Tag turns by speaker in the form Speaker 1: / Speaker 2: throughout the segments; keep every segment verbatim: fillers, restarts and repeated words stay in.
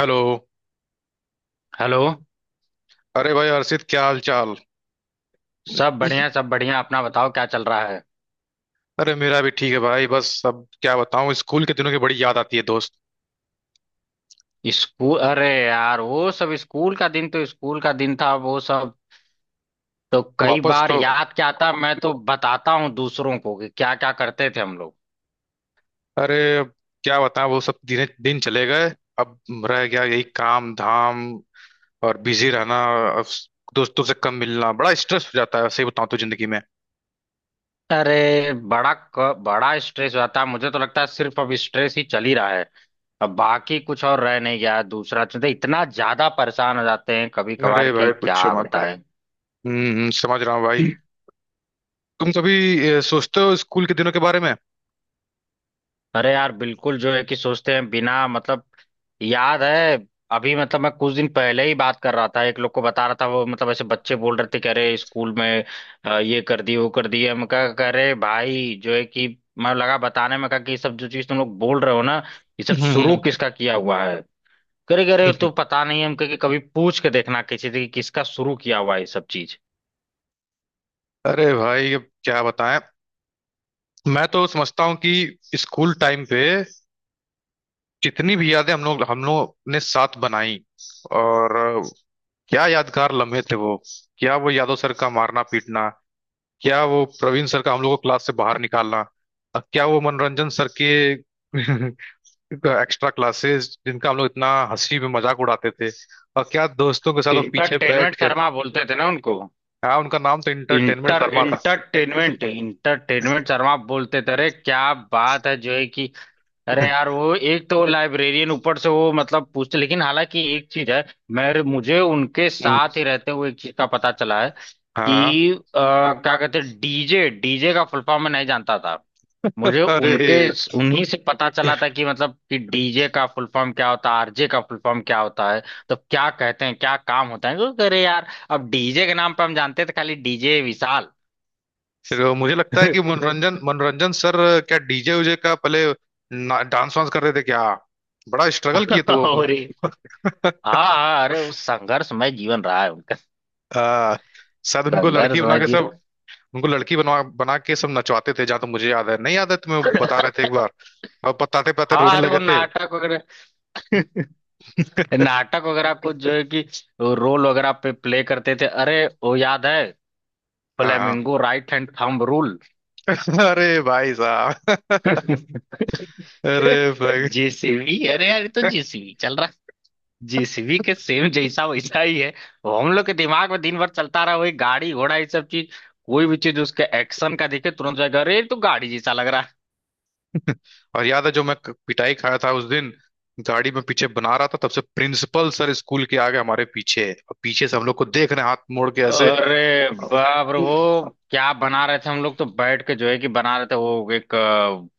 Speaker 1: Hello.
Speaker 2: Hello.
Speaker 1: अरे भाई हर्षित, क्या हाल चाल?
Speaker 2: सब बढ़िया सब बढ़िया। अपना बताओ, क्या चल रहा है?
Speaker 1: अरे मेरा भी ठीक है भाई, बस अब क्या बताऊं, स्कूल के दिनों की बड़ी याद आती है दोस्त।
Speaker 2: स्कूल? अरे यार, वो सब स्कूल का दिन तो स्कूल का दिन था। वो सब तो कई
Speaker 1: वापस
Speaker 2: बार
Speaker 1: तो,
Speaker 2: याद क्या आता, मैं तो बताता हूँ दूसरों को कि क्या क्या करते थे हम लोग।
Speaker 1: अरे अब क्या बताऊं, वो सब दिन दिन चले गए। अब रह गया यही काम धाम और बिजी रहना। अब दोस्तों से कम मिलना बड़ा स्ट्रेस हो जाता है, सही बताऊं तो जिंदगी में।
Speaker 2: अरे बड़ा क- बड़ा स्ट्रेस होता है। मुझे तो लगता है सिर्फ अब स्ट्रेस ही चल ही रहा है। अब बाकी कुछ और रह नहीं गया है। दूसरा चीज इतना ज्यादा परेशान हो जाते हैं कभी कभार
Speaker 1: अरे
Speaker 2: कि
Speaker 1: भाई पूछो
Speaker 2: क्या
Speaker 1: मत।
Speaker 2: बताएं।
Speaker 1: हम्म हम्म, समझ रहा हूँ भाई। तुम कभी अ, सोचते हो स्कूल के दिनों के बारे में?
Speaker 2: अरे यार बिल्कुल जो है कि सोचते हैं, बिना मतलब। याद है, अभी मतलब मैं कुछ दिन पहले ही बात कर रहा था, एक लोग को बता रहा था। वो मतलब ऐसे बच्चे बोल रहे थे कि अरे स्कूल में अ, ये कर दिए वो कर दिए। हम कहा, कह रहे भाई जो है कि मैं लगा बताने में, कहा कि ये सब जो चीज तुम लोग बोल रहे हो ना, ये सब शुरू
Speaker 1: हम्म।
Speaker 2: किसका किया हुआ है? करे करे
Speaker 1: हम्म।
Speaker 2: तो पता नहीं। हम कहे कि कभी पूछ के देखना किसी से कि किसका शुरू किया हुआ है ये सब चीज।
Speaker 1: अरे भाई अब क्या बताएं, मैं तो समझता हूँ कि स्कूल टाइम पे जितनी भी यादें हम लोग हम लोग ने साथ बनाई, और अ, क्या यादगार लम्हे थे वो। क्या वो यादव सर का मारना पीटना, क्या वो प्रवीण सर का हम लोग को क्लास से बाहर निकालना, और क्या वो मनोरंजन सर के एक्स्ट्रा क्लासेस जिनका हम लोग इतना हंसी में मजाक उड़ाते थे, और क्या दोस्तों के साथ वो पीछे बैठ
Speaker 2: इंटरटेनमेंट
Speaker 1: के।
Speaker 2: शर्मा बोलते थे ना उनको।
Speaker 1: हाँ, उनका नाम तो entertainment
Speaker 2: inter
Speaker 1: Sharma.
Speaker 2: Entertainment entertainment Sharma आप बोलते थे। अरे क्या बात है जो है कि अरे यार वो एक तो लाइब्रेरियन, ऊपर से वो मतलब पूछते। लेकिन हालांकि एक चीज है, मेरे मुझे उनके
Speaker 1: हम्म।
Speaker 2: साथ ही रहते हुए एक चीज का पता चला है कि
Speaker 1: हाँ।
Speaker 2: अ, क्या कहते हैं, डीजे, डीजे का फुल फॉर्म मैं नहीं जानता था। मुझे
Speaker 1: अरे
Speaker 2: उनके, उन्हीं से पता चला था कि मतलब कि डीजे का फुल फॉर्म क्या होता है, आरजे का फुल फॉर्म क्या होता है, तो क्या कहते हैं, क्या काम होता है। तो अरे यार अब डीजे के नाम पे हम जानते थे खाली डीजे विशाल।
Speaker 1: तो मुझे लगता है कि मनोरंजन मनोरंजन सर क्या डी जे उजे का पहले ना- डांस वांस करते थे क्या, बड़ा स्ट्रगल किए थे वो
Speaker 2: और ये-
Speaker 1: अपने।
Speaker 2: हाँ हाँ, अरे उस संघर्षमय जीवन रहा है उनका।
Speaker 1: आ, शायद उनको लड़की बना
Speaker 2: संघर्षमय
Speaker 1: के
Speaker 2: जी।
Speaker 1: सब, उनको लड़की बनवा बना के सब नचवाते थे जहां तक मुझे याद है, नहीं याद है तुम्हें, बता रहे थे एक बार और बताते बताते
Speaker 2: हाँ
Speaker 1: रोने
Speaker 2: अरे वो
Speaker 1: लगे थे।
Speaker 2: नाटक वगैरह नाटक वगैरह कुछ जो है कि वो रोल वगैरह पे प्ले करते थे। अरे वो याद है
Speaker 1: हाँ।
Speaker 2: Flamingo right hand thumb rule.
Speaker 1: अरे भाई साहब। अरे भाई,
Speaker 2: जेसीबी अरे यार ये तो जेसीबी चल रहा। जेसीबी के सेम जैसा वैसा ही है। वो हम लोग के दिमाग में दिन भर चलता रहा वही गाड़ी घोड़ा ये सब चीज। कोई भी चीज उसके एक्शन का दिखे तुरंत जाएगा अरे ये तो गाड़ी जैसा लग रहा है।
Speaker 1: और याद है जो मैं क- पिटाई खाया था उस दिन, गाड़ी में पीछे बना रहा था, तब से प्रिंसिपल सर स्कूल के आगे हमारे पीछे है और पीछे से हम लोग को देख रहे हैं हाथ मोड़ के ऐसे।
Speaker 2: अरे बाप रे, वो क्या बना रहे थे। हम लोग तो बैठ के जो है कि बना रहे थे वो एक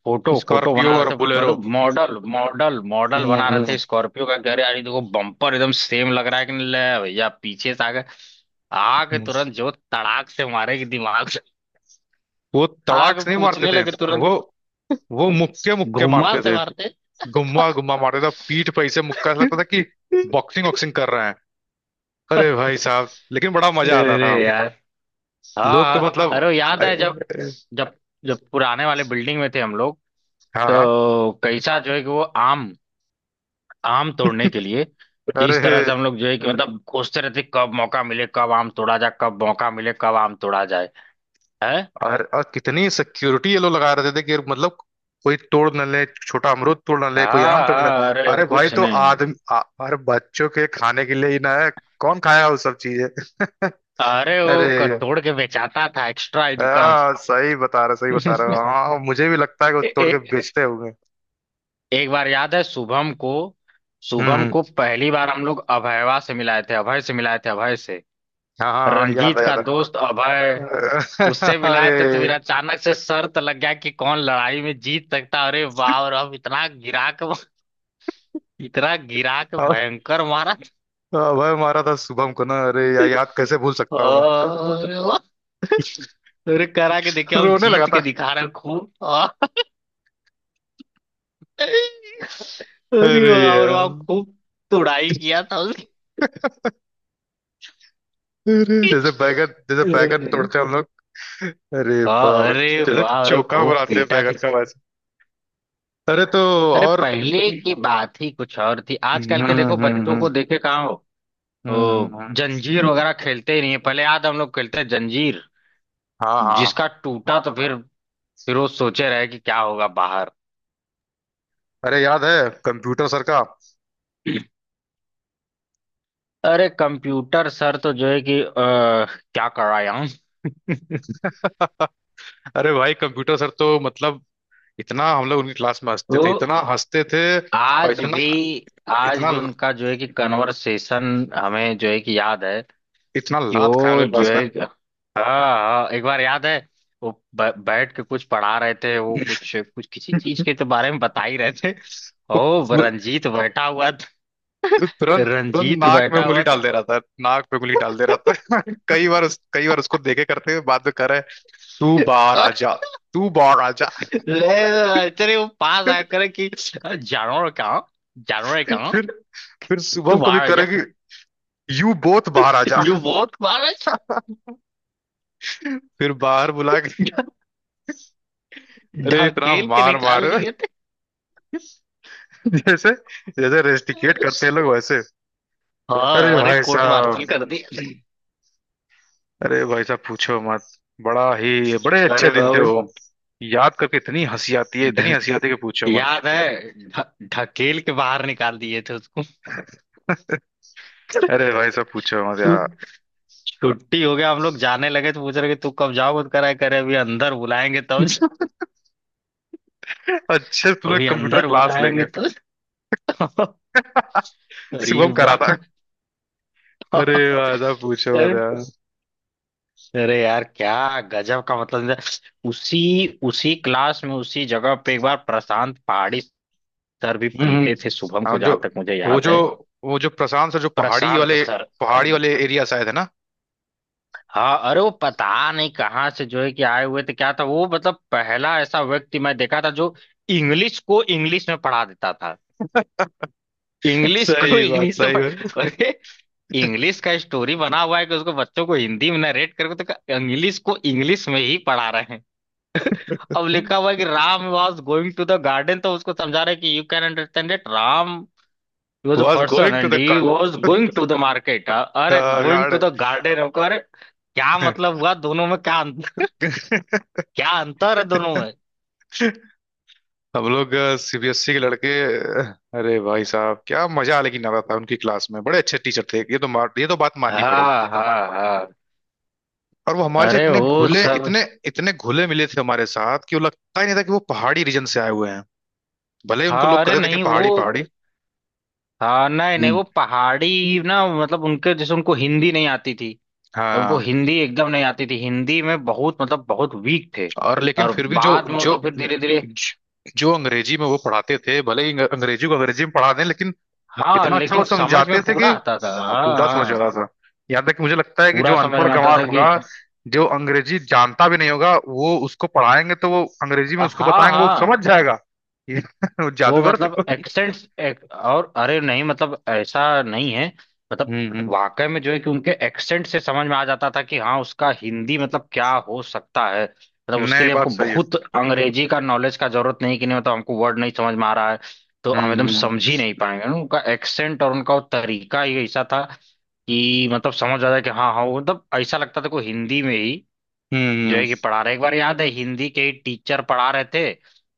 Speaker 2: फोटो फोटो
Speaker 1: स्कॉर्पियो
Speaker 2: बना रहे
Speaker 1: और
Speaker 2: थे।
Speaker 1: बोलेरो।
Speaker 2: मतलब मॉडल मॉडल मॉडल बना रहे
Speaker 1: हम्म।
Speaker 2: थे स्कॉर्पियो का। कह रहे यार ये देखो बम्पर एकदम सेम लग रहा है कि नहीं। ले भैया पीछे से आगे आके तुरंत जो तड़ाक से मारे कि दिमाग से,
Speaker 1: वो तड़ाक
Speaker 2: आगे
Speaker 1: से नहीं मारते
Speaker 2: पूछने
Speaker 1: थे,
Speaker 2: लगे
Speaker 1: वो
Speaker 2: तुरंत,
Speaker 1: वो मुक्के मुक्के
Speaker 2: घुमा
Speaker 1: मारते
Speaker 2: से
Speaker 1: थे।
Speaker 2: मारते।
Speaker 1: गुम्मा गुम्मा मारते थे पीठ पे ऐसे, मुक्का ऐसा लगता था कि बॉक्सिंग वॉक्सिंग कर रहे हैं। अरे भाई साहब, लेकिन बड़ा मजा आता
Speaker 2: अरे
Speaker 1: था।
Speaker 2: यार। हाँ
Speaker 1: लोग तो
Speaker 2: हाँ, अरे
Speaker 1: मतलब,
Speaker 2: वो याद है जब
Speaker 1: अरे-
Speaker 2: जब जब पुराने वाले बिल्डिंग में थे हम लोग।
Speaker 1: हाँ हाँ।
Speaker 2: तो कैसा जो है कि वो आम, आम तोड़ने के लिए कि
Speaker 1: अरे
Speaker 2: इस तरह से हम लोग जो है कि मतलब कोसते रहते, कब मौका मिले कब आम तोड़ा जाए, कब मौका मिले कब आम तोड़ा जाए है।
Speaker 1: और, और कितनी सिक्योरिटी ये लोग लगा रहे थे कि मतलब कोई तोड़ न ले, छोटा अमरूद तोड़ ना ले कोई, आम
Speaker 2: हाँ
Speaker 1: तोड़ ना।
Speaker 2: हाँ अरे
Speaker 1: अरे भाई
Speaker 2: कुछ
Speaker 1: तो
Speaker 2: नहीं।
Speaker 1: आदमी आ- अरे बच्चों के खाने के लिए ही ना है, कौन खाया वो सब चीजें।
Speaker 2: अरे वो क-
Speaker 1: अरे
Speaker 2: तोड़ के बेचाता था, एक्स्ट्रा इनकम।
Speaker 1: हाँ, सही बता रहा, सही बता रहा, हाँ मुझे भी लगता है कि वो
Speaker 2: ए,
Speaker 1: तोड़ के
Speaker 2: ए,
Speaker 1: बेचते होंगे।
Speaker 2: एक बार याद है शुभम को,
Speaker 1: हम्म
Speaker 2: शुभम
Speaker 1: हम्म।
Speaker 2: को पहली बार हम लोग अभयवा से मिलाए थे, अभय से मिलाए थे, अभय से।
Speaker 1: हाँ हाँ हाँ, याद
Speaker 2: रंजीत
Speaker 1: है,
Speaker 2: का
Speaker 1: याद
Speaker 2: दोस्त अभय।
Speaker 1: है।
Speaker 2: उससे मिलाए थे तो
Speaker 1: अरे,
Speaker 2: फिर अचानक से शर्त लग गया कि कौन लड़ाई में जीत सकता। अरे वाह! और अब इतना गिराक, इतना गिरा के
Speaker 1: और-
Speaker 2: भयंकर मारा।
Speaker 1: और भाई मारा था शुभम को ना, अरे यार याद कैसे भूल सकता हूँ मैं?
Speaker 2: अरे वाह! अरे करा के देखे, हम
Speaker 1: रोने लगा
Speaker 2: जीत
Speaker 1: था।
Speaker 2: के दिखा रहे हैं खूब आह! अरे
Speaker 1: अरे
Speaker 2: वाह और
Speaker 1: यार।
Speaker 2: वाह खूब तुड़ाई किया था उसकी।
Speaker 1: अरे जैसे बैगन जैसे बैगन
Speaker 2: अरे
Speaker 1: तोड़ते हैं हम लोग। अरे
Speaker 2: हाँ,
Speaker 1: बाप रे।
Speaker 2: अरे
Speaker 1: जैसे
Speaker 2: वाह अरे
Speaker 1: चोखा
Speaker 2: खूब
Speaker 1: बनाते हैं
Speaker 2: पीटा
Speaker 1: बैगन
Speaker 2: था।
Speaker 1: का वैसे। अरे तो,
Speaker 2: अरे
Speaker 1: और।
Speaker 2: पहले की बात ही कुछ और थी,
Speaker 1: हम्म
Speaker 2: आजकल के देखो
Speaker 1: हम्म
Speaker 2: बच्चों
Speaker 1: हम्म।
Speaker 2: को, देखे कहाँ हो। ओ,
Speaker 1: हम्म।
Speaker 2: जंजीर वगैरह खेलते ही नहीं है। पहले याद, हम लोग खेलते हैं जंजीर,
Speaker 1: हाँ हाँ।
Speaker 2: जिसका टूटा तो फिर फिर वो सोचे रहे कि क्या होगा बाहर।
Speaker 1: अरे याद है कंप्यूटर सर का।
Speaker 2: अरे कंप्यूटर सर तो जो है कि अ, क्या कराया हूँ।
Speaker 1: अरे भाई कंप्यूटर सर तो मतलब, इतना हम लोग उनकी क्लास में
Speaker 2: तो
Speaker 1: हंसते थे, इतना हंसते थे और
Speaker 2: आज
Speaker 1: इतना,
Speaker 2: भी, आज
Speaker 1: इतना,
Speaker 2: भी उनका जो है कि कन्वर्सेशन हमें जो है कि याद है
Speaker 1: इतना
Speaker 2: कि
Speaker 1: लात खाए
Speaker 2: वो
Speaker 1: उनकी
Speaker 2: जो
Speaker 1: क्लास में।
Speaker 2: है कि- हाँ हाँ एक बार याद है। वो ब- बैठ के कुछ पढ़ा रहे थे, वो कुछ कुछ किसी चीज के तो बारे में बता ही रहे थे।
Speaker 1: वो
Speaker 2: ओ वो
Speaker 1: वो
Speaker 2: रंजीत बैठा हुआ था,
Speaker 1: तुरंत तुरंत
Speaker 2: रंजीत
Speaker 1: नाक में
Speaker 2: बैठा
Speaker 1: उंगली
Speaker 2: हुआ
Speaker 1: डाल
Speaker 2: था।
Speaker 1: दे रहा था, नाक पे उंगली डाल दे रहा था। कई बार उस, कई बार उसको देखे करते हुए बाद में करे, तू बाहर आजा,
Speaker 2: अरे
Speaker 1: तू बाहर आजा।
Speaker 2: ले, अरे वो पास आकर कि जानवर कहाँ, जानवर कहाँ
Speaker 1: फिर फिर शुभम कभी
Speaker 2: तुम्हारा।
Speaker 1: करेगी, यू बोथ बाहर आजा,
Speaker 2: जो बहुत बार
Speaker 1: फिर बाहर बुला के अरे इतना
Speaker 2: ढकेल के
Speaker 1: मार मार,
Speaker 2: निकाल दिए थे।
Speaker 1: जैसे जैसे रेस्टिकेट करते हैं लोग वैसे। अरे
Speaker 2: हाँ अरे,
Speaker 1: भाई
Speaker 2: कोर्ट
Speaker 1: साहब,
Speaker 2: मार्शल कर दिए।
Speaker 1: अरे भाई साहब पूछो मत, बड़ा ही बड़े अच्छे
Speaker 2: अरे
Speaker 1: दिन थे
Speaker 2: बाबू,
Speaker 1: वो, याद करके इतनी हंसी आती है, इतनी
Speaker 2: ढ-
Speaker 1: हंसी आती है कि पूछो मत।
Speaker 2: याद है ढ- ढकेल के बाहर निकाल दिए थे उसको।
Speaker 1: अरे भाई साहब पूछो मत
Speaker 2: छुट
Speaker 1: यार।
Speaker 2: छुट्टी हो गया, हम लोग जाने लगे तो पूछ रहे कि तू कब जाओगे। करा करे अभी अंदर बुलाएंगे तब जा-
Speaker 1: अच्छे से तुम्हें
Speaker 2: अभी
Speaker 1: कंप्यूटर
Speaker 2: अंदर
Speaker 1: क्लास
Speaker 2: बुलाएंगे
Speaker 1: लेंगे,
Speaker 2: तो। अरे
Speaker 1: शुभम करा
Speaker 2: वाह।
Speaker 1: था। अरे भाई साहब पूछो मत यार।
Speaker 2: अरे यार क्या गजब का मतलब है। उसी उसी क्लास में उसी जगह पे एक बार प्रशांत पहाड़ी सर भी
Speaker 1: हम्म हम्म।
Speaker 2: पीटे थे शुभम को,
Speaker 1: हाँ जो
Speaker 2: जहां तक मुझे
Speaker 1: वो
Speaker 2: याद
Speaker 1: जो
Speaker 2: है।
Speaker 1: वो जो प्रशांत सर जो पहाड़ी
Speaker 2: प्रशांत
Speaker 1: वाले,
Speaker 2: सर।
Speaker 1: पहाड़ी वाले एरिया शायद है ना।
Speaker 2: हाँ अरे वो पता नहीं कहाँ से जो है कि आए हुए थे। क्या था वो, मतलब पहला ऐसा व्यक्ति मैं देखा था जो इंग्लिश को इंग्लिश में पढ़ा देता था। इंग्लिश को
Speaker 1: सही बात,
Speaker 2: इंग्लिश में
Speaker 1: सही बात।
Speaker 2: पढ़ा। अरे इंग्लिश का स्टोरी बना हुआ है कि उसको बच्चों को हिंदी में नरेट करके, तो इंग्लिश को इंग्लिश में ही पढ़ा रहे हैं। अब लिखा हुआ है कि Ram was going to the garden, तो उसको समझा रहे हैं कि you can understand it Ram, He was a
Speaker 1: was
Speaker 2: person
Speaker 1: going to
Speaker 2: and
Speaker 1: the
Speaker 2: he was going to the market. अ- अरे going
Speaker 1: guard.
Speaker 2: to the garden हमको, अरे क्या मतलब हुआ, दोनों में क्या अंत- क्या अंतर है दोनों में?
Speaker 1: हम लोग सी बी एस ई के लड़के। uh, अरे भाई साहब क्या मजा लेकिन आता था उनकी क्लास में, बड़े अच्छे टीचर थे, ये तो मार, ये तो बात माननी पड़ेगी।
Speaker 2: हाँ हाँ हाँ।
Speaker 1: और वो हमारे से
Speaker 2: अरे
Speaker 1: इतने
Speaker 2: वो
Speaker 1: घुले
Speaker 2: सब।
Speaker 1: इतने इतने घुले मिले थे हमारे साथ कि वो लगता ही नहीं था कि वो पहाड़ी रीजन से आए हुए हैं, भले ही उनको
Speaker 2: हाँ
Speaker 1: लोग
Speaker 2: अरे
Speaker 1: कहते थे कि
Speaker 2: नहीं वो,
Speaker 1: पहाड़ी पहाड़ी।
Speaker 2: हाँ नहीं नहीं
Speaker 1: हम्म।
Speaker 2: वो पहाड़ी ना, मतलब उनके जैसे उनको हिंदी नहीं आती थी। उनको
Speaker 1: हाँ।
Speaker 2: हिंदी एकदम नहीं आती थी, हिंदी में बहुत मतलब बहुत वीक थे।
Speaker 1: और लेकिन
Speaker 2: और
Speaker 1: फिर भी जो
Speaker 2: बाद में वो
Speaker 1: जो
Speaker 2: तो फिर धीरे धीरे।
Speaker 1: जो अंग्रेजी में वो पढ़ाते थे, भले ही अंग- अंग्रेजी को अंग्रेजी में पढ़ा दें लेकिन
Speaker 2: हाँ
Speaker 1: इतना अच्छा वो
Speaker 2: लेकिन समझ
Speaker 1: समझाते
Speaker 2: में
Speaker 1: थे कि
Speaker 2: पूरा आता था,
Speaker 1: आपको
Speaker 2: हाँ
Speaker 1: उल्टा समझ
Speaker 2: हाँ।
Speaker 1: आता था। यहाँ तक कि मुझे लगता है कि
Speaker 2: पूरा
Speaker 1: जो
Speaker 2: समझ
Speaker 1: अनपढ़
Speaker 2: में आता
Speaker 1: गंवार
Speaker 2: था कि
Speaker 1: होगा, जो अंग्रेजी जानता भी नहीं होगा, वो उसको पढ़ाएंगे तो वो अंग्रेजी में
Speaker 2: हाँ
Speaker 1: उसको बताएंगे वो समझ
Speaker 2: हाँ।
Speaker 1: जाएगा। ये वो
Speaker 2: वो
Speaker 1: जादूगर
Speaker 2: मतलब
Speaker 1: थे।
Speaker 2: एक्सेंट्स एक, और अरे नहीं मतलब ऐसा नहीं है। मतलब
Speaker 1: हम्म हम्म।
Speaker 2: वाकई में जो है कि उनके एक्सेंट से समझ में आ जाता था कि हाँ उसका हिंदी मतलब क्या हो सकता है। मतलब उसके
Speaker 1: नहीं
Speaker 2: लिए
Speaker 1: बात
Speaker 2: हमको
Speaker 1: सही है।
Speaker 2: बहुत अंग्रेजी का नॉलेज का जरूरत नहीं कि नहीं मतलब हमको वर्ड नहीं समझ में आ रहा है तो हम
Speaker 1: हम्म
Speaker 2: एकदम
Speaker 1: हम्म
Speaker 2: समझ ही नहीं पाएंगे ना। उनका एक्सेंट और उनका वो तरीका ही ऐसा था कि मतलब समझ आ जाए कि हाँ हाँ। वो मतलब ऐसा लगता था कोई हिंदी में ही जो
Speaker 1: हम्म।
Speaker 2: है कि पढ़ा रहे। एक बार याद है हिंदी के ही टीचर पढ़ा रहे थे,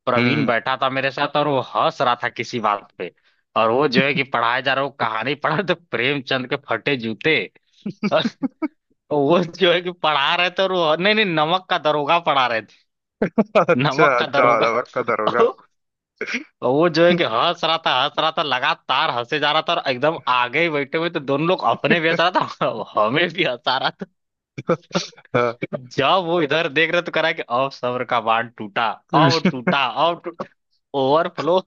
Speaker 2: प्रवीण
Speaker 1: हम्म।
Speaker 2: बैठा था मेरे साथ और वो हंस रहा था किसी बात पे। और वो जो है कि पढ़ाए जा रहा वो कहानी पढ़ा तो प्रेमचंद के फटे जूते। और वो जो है कि पढ़ा रहे थे, और वो नहीं नहीं नमक का दरोगा पढ़ा रहे थे।
Speaker 1: अच्छा
Speaker 2: नमक का
Speaker 1: अच्छा
Speaker 2: दरोगा।
Speaker 1: रबर कदर होगा।
Speaker 2: और वो जो है कि हंस रहा था हंस रहा था लगातार, हंसे जा रहा था, और एकदम आगे ही बैठे हुए, तो दोनों लोग अपने भी हंस रहा था और हमें भी हंसा रहा था।
Speaker 1: हाँ।
Speaker 2: जब वो इधर देख रहे तो कह रहा है कि अब सब्र का बांध टूटा, अब टूटा अब टूटा, ओवरफ्लो।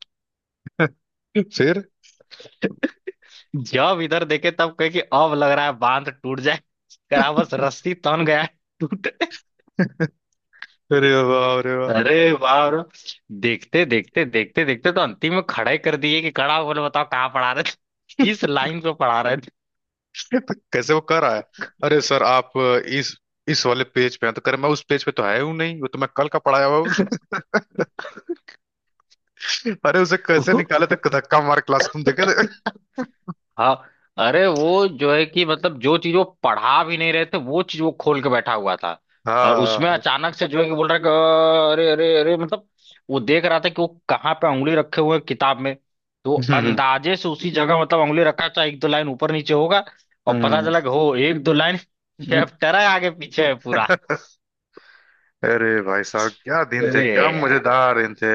Speaker 1: फिर,
Speaker 2: जब इधर देखे तब कहे कि अब लग रहा है बांध टूट जाए। करा बस रस्सी तन गया है, टूट।
Speaker 1: अरे वाह, अरे वाह।
Speaker 2: अरे बाप रे। देखते देखते देखते देखते तो अंतिम में खड़े कर दिए कि खड़ा बोले बताओ कहाँ पढ़ा रहे थे, किस लाइन पे पढ़ा रहे
Speaker 1: कैसे वो कर रहा है, अरे सर आप इस इस वाले पेज पे हैं, तो करे मैं उस पेज पे तो है हूं नहीं, वो तो मैं कल का पढ़ाया हुआ हूं। अरे उसे कैसे
Speaker 2: थे।
Speaker 1: निकाले थे धक्का मार क्लास, तुम देखे थे?
Speaker 2: हाँ अरे वो जो है कि मतलब जो चीज वो पढ़ा भी नहीं रहे थे वो चीज वो खोल के बैठा हुआ था। और उसमें
Speaker 1: हाँ।
Speaker 2: अचानक से जो है कि बोल रहा है कि अरे अरे अरे मतलब वो देख रहा था कि वो कहाँ पे उंगली रखे हुए हैं किताब में, तो वो
Speaker 1: हम्म
Speaker 2: अंदाजे से उसी जगह मतलब उंगली रखा चाहे एक दो लाइन ऊपर नीचे होगा। और पता
Speaker 1: हम्म।
Speaker 2: चला कि हो एक दो लाइन,
Speaker 1: हम्म।
Speaker 2: चैप्टर है आगे पीछे है पूरा।
Speaker 1: अरे भाई साहब क्या दिन थे,
Speaker 2: अरे
Speaker 1: क्या
Speaker 2: यार।
Speaker 1: मजेदार दिन थे।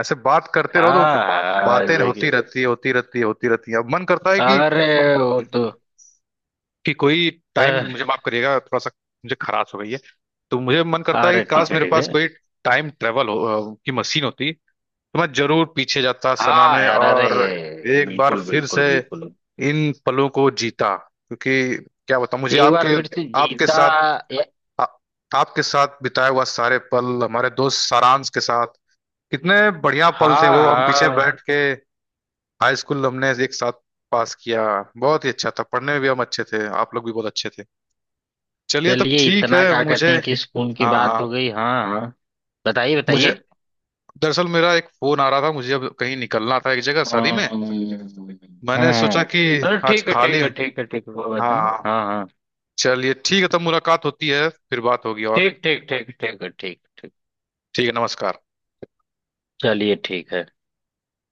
Speaker 1: ऐसे बात करते रहो तो
Speaker 2: हाँ
Speaker 1: बातें
Speaker 2: जय
Speaker 1: होती
Speaker 2: की।
Speaker 1: रहती है, होती रहती है, होती रहती है, अब मन करता है कि
Speaker 2: अरे वो तो।
Speaker 1: कि कोई टाइम, मुझे माफ करिएगा थोड़ा सा, मुझे खराश हो गई है। तो मुझे मन करता है
Speaker 2: अरे
Speaker 1: कि काश
Speaker 2: ठीक है
Speaker 1: मेरे
Speaker 2: ठीक है।
Speaker 1: पास कोई टाइम ट्रेवल हो अ, की मशीन होती तो मैं जरूर पीछे जाता समय
Speaker 2: हाँ
Speaker 1: में
Speaker 2: यार, अरे
Speaker 1: और एक बार
Speaker 2: बिल्कुल
Speaker 1: फिर
Speaker 2: बिल्कुल
Speaker 1: से
Speaker 2: बिल्कुल।
Speaker 1: इन पलों को जीता, क्योंकि क्या बताऊं मुझे
Speaker 2: एक बार
Speaker 1: आपके
Speaker 2: फिर से
Speaker 1: आपके
Speaker 2: जीता।
Speaker 1: साथ
Speaker 2: ए-
Speaker 1: आ, आपके साथ बिताया हुआ सारे पल हमारे दोस्त सारांश के साथ, कितने बढ़िया पल थे
Speaker 2: हाँ
Speaker 1: वो। हम पीछे
Speaker 2: हाँ।
Speaker 1: बैठ के हाई स्कूल हमने एक साथ पास किया, बहुत ही अच्छा था, पढ़ने में भी हम अच्छे थे, आप लोग भी बहुत अच्छे थे। चलिए तब
Speaker 2: चलिए
Speaker 1: ठीक है
Speaker 2: इतना क्या कहते
Speaker 1: मुझे,
Speaker 2: हैं कि स्कूल की
Speaker 1: हाँ
Speaker 2: बात
Speaker 1: हाँ,
Speaker 2: हो गई, हाँ हाँ। बताइए
Speaker 1: मुझे
Speaker 2: बताइए।
Speaker 1: दरअसल मेरा एक फोन आ रहा था, मुझे अब कहीं निकलना था एक जगह शादी में,
Speaker 2: हम्म
Speaker 1: मैंने सोचा
Speaker 2: हम्म।
Speaker 1: कि
Speaker 2: अरे
Speaker 1: आज
Speaker 2: ठीक है
Speaker 1: खा
Speaker 2: ठीक
Speaker 1: लें।
Speaker 2: है ठीक है ठीक है, वो बताएं
Speaker 1: हाँ।
Speaker 2: हाँ हाँ।
Speaker 1: चलिए ठीक है तब मुलाकात होती है, फिर बात होगी। और
Speaker 2: ठीक ठीक ठीक, ठीक है ठीक ठीक।
Speaker 1: ठीक है, नमस्कार।
Speaker 2: चलिए ठीक है।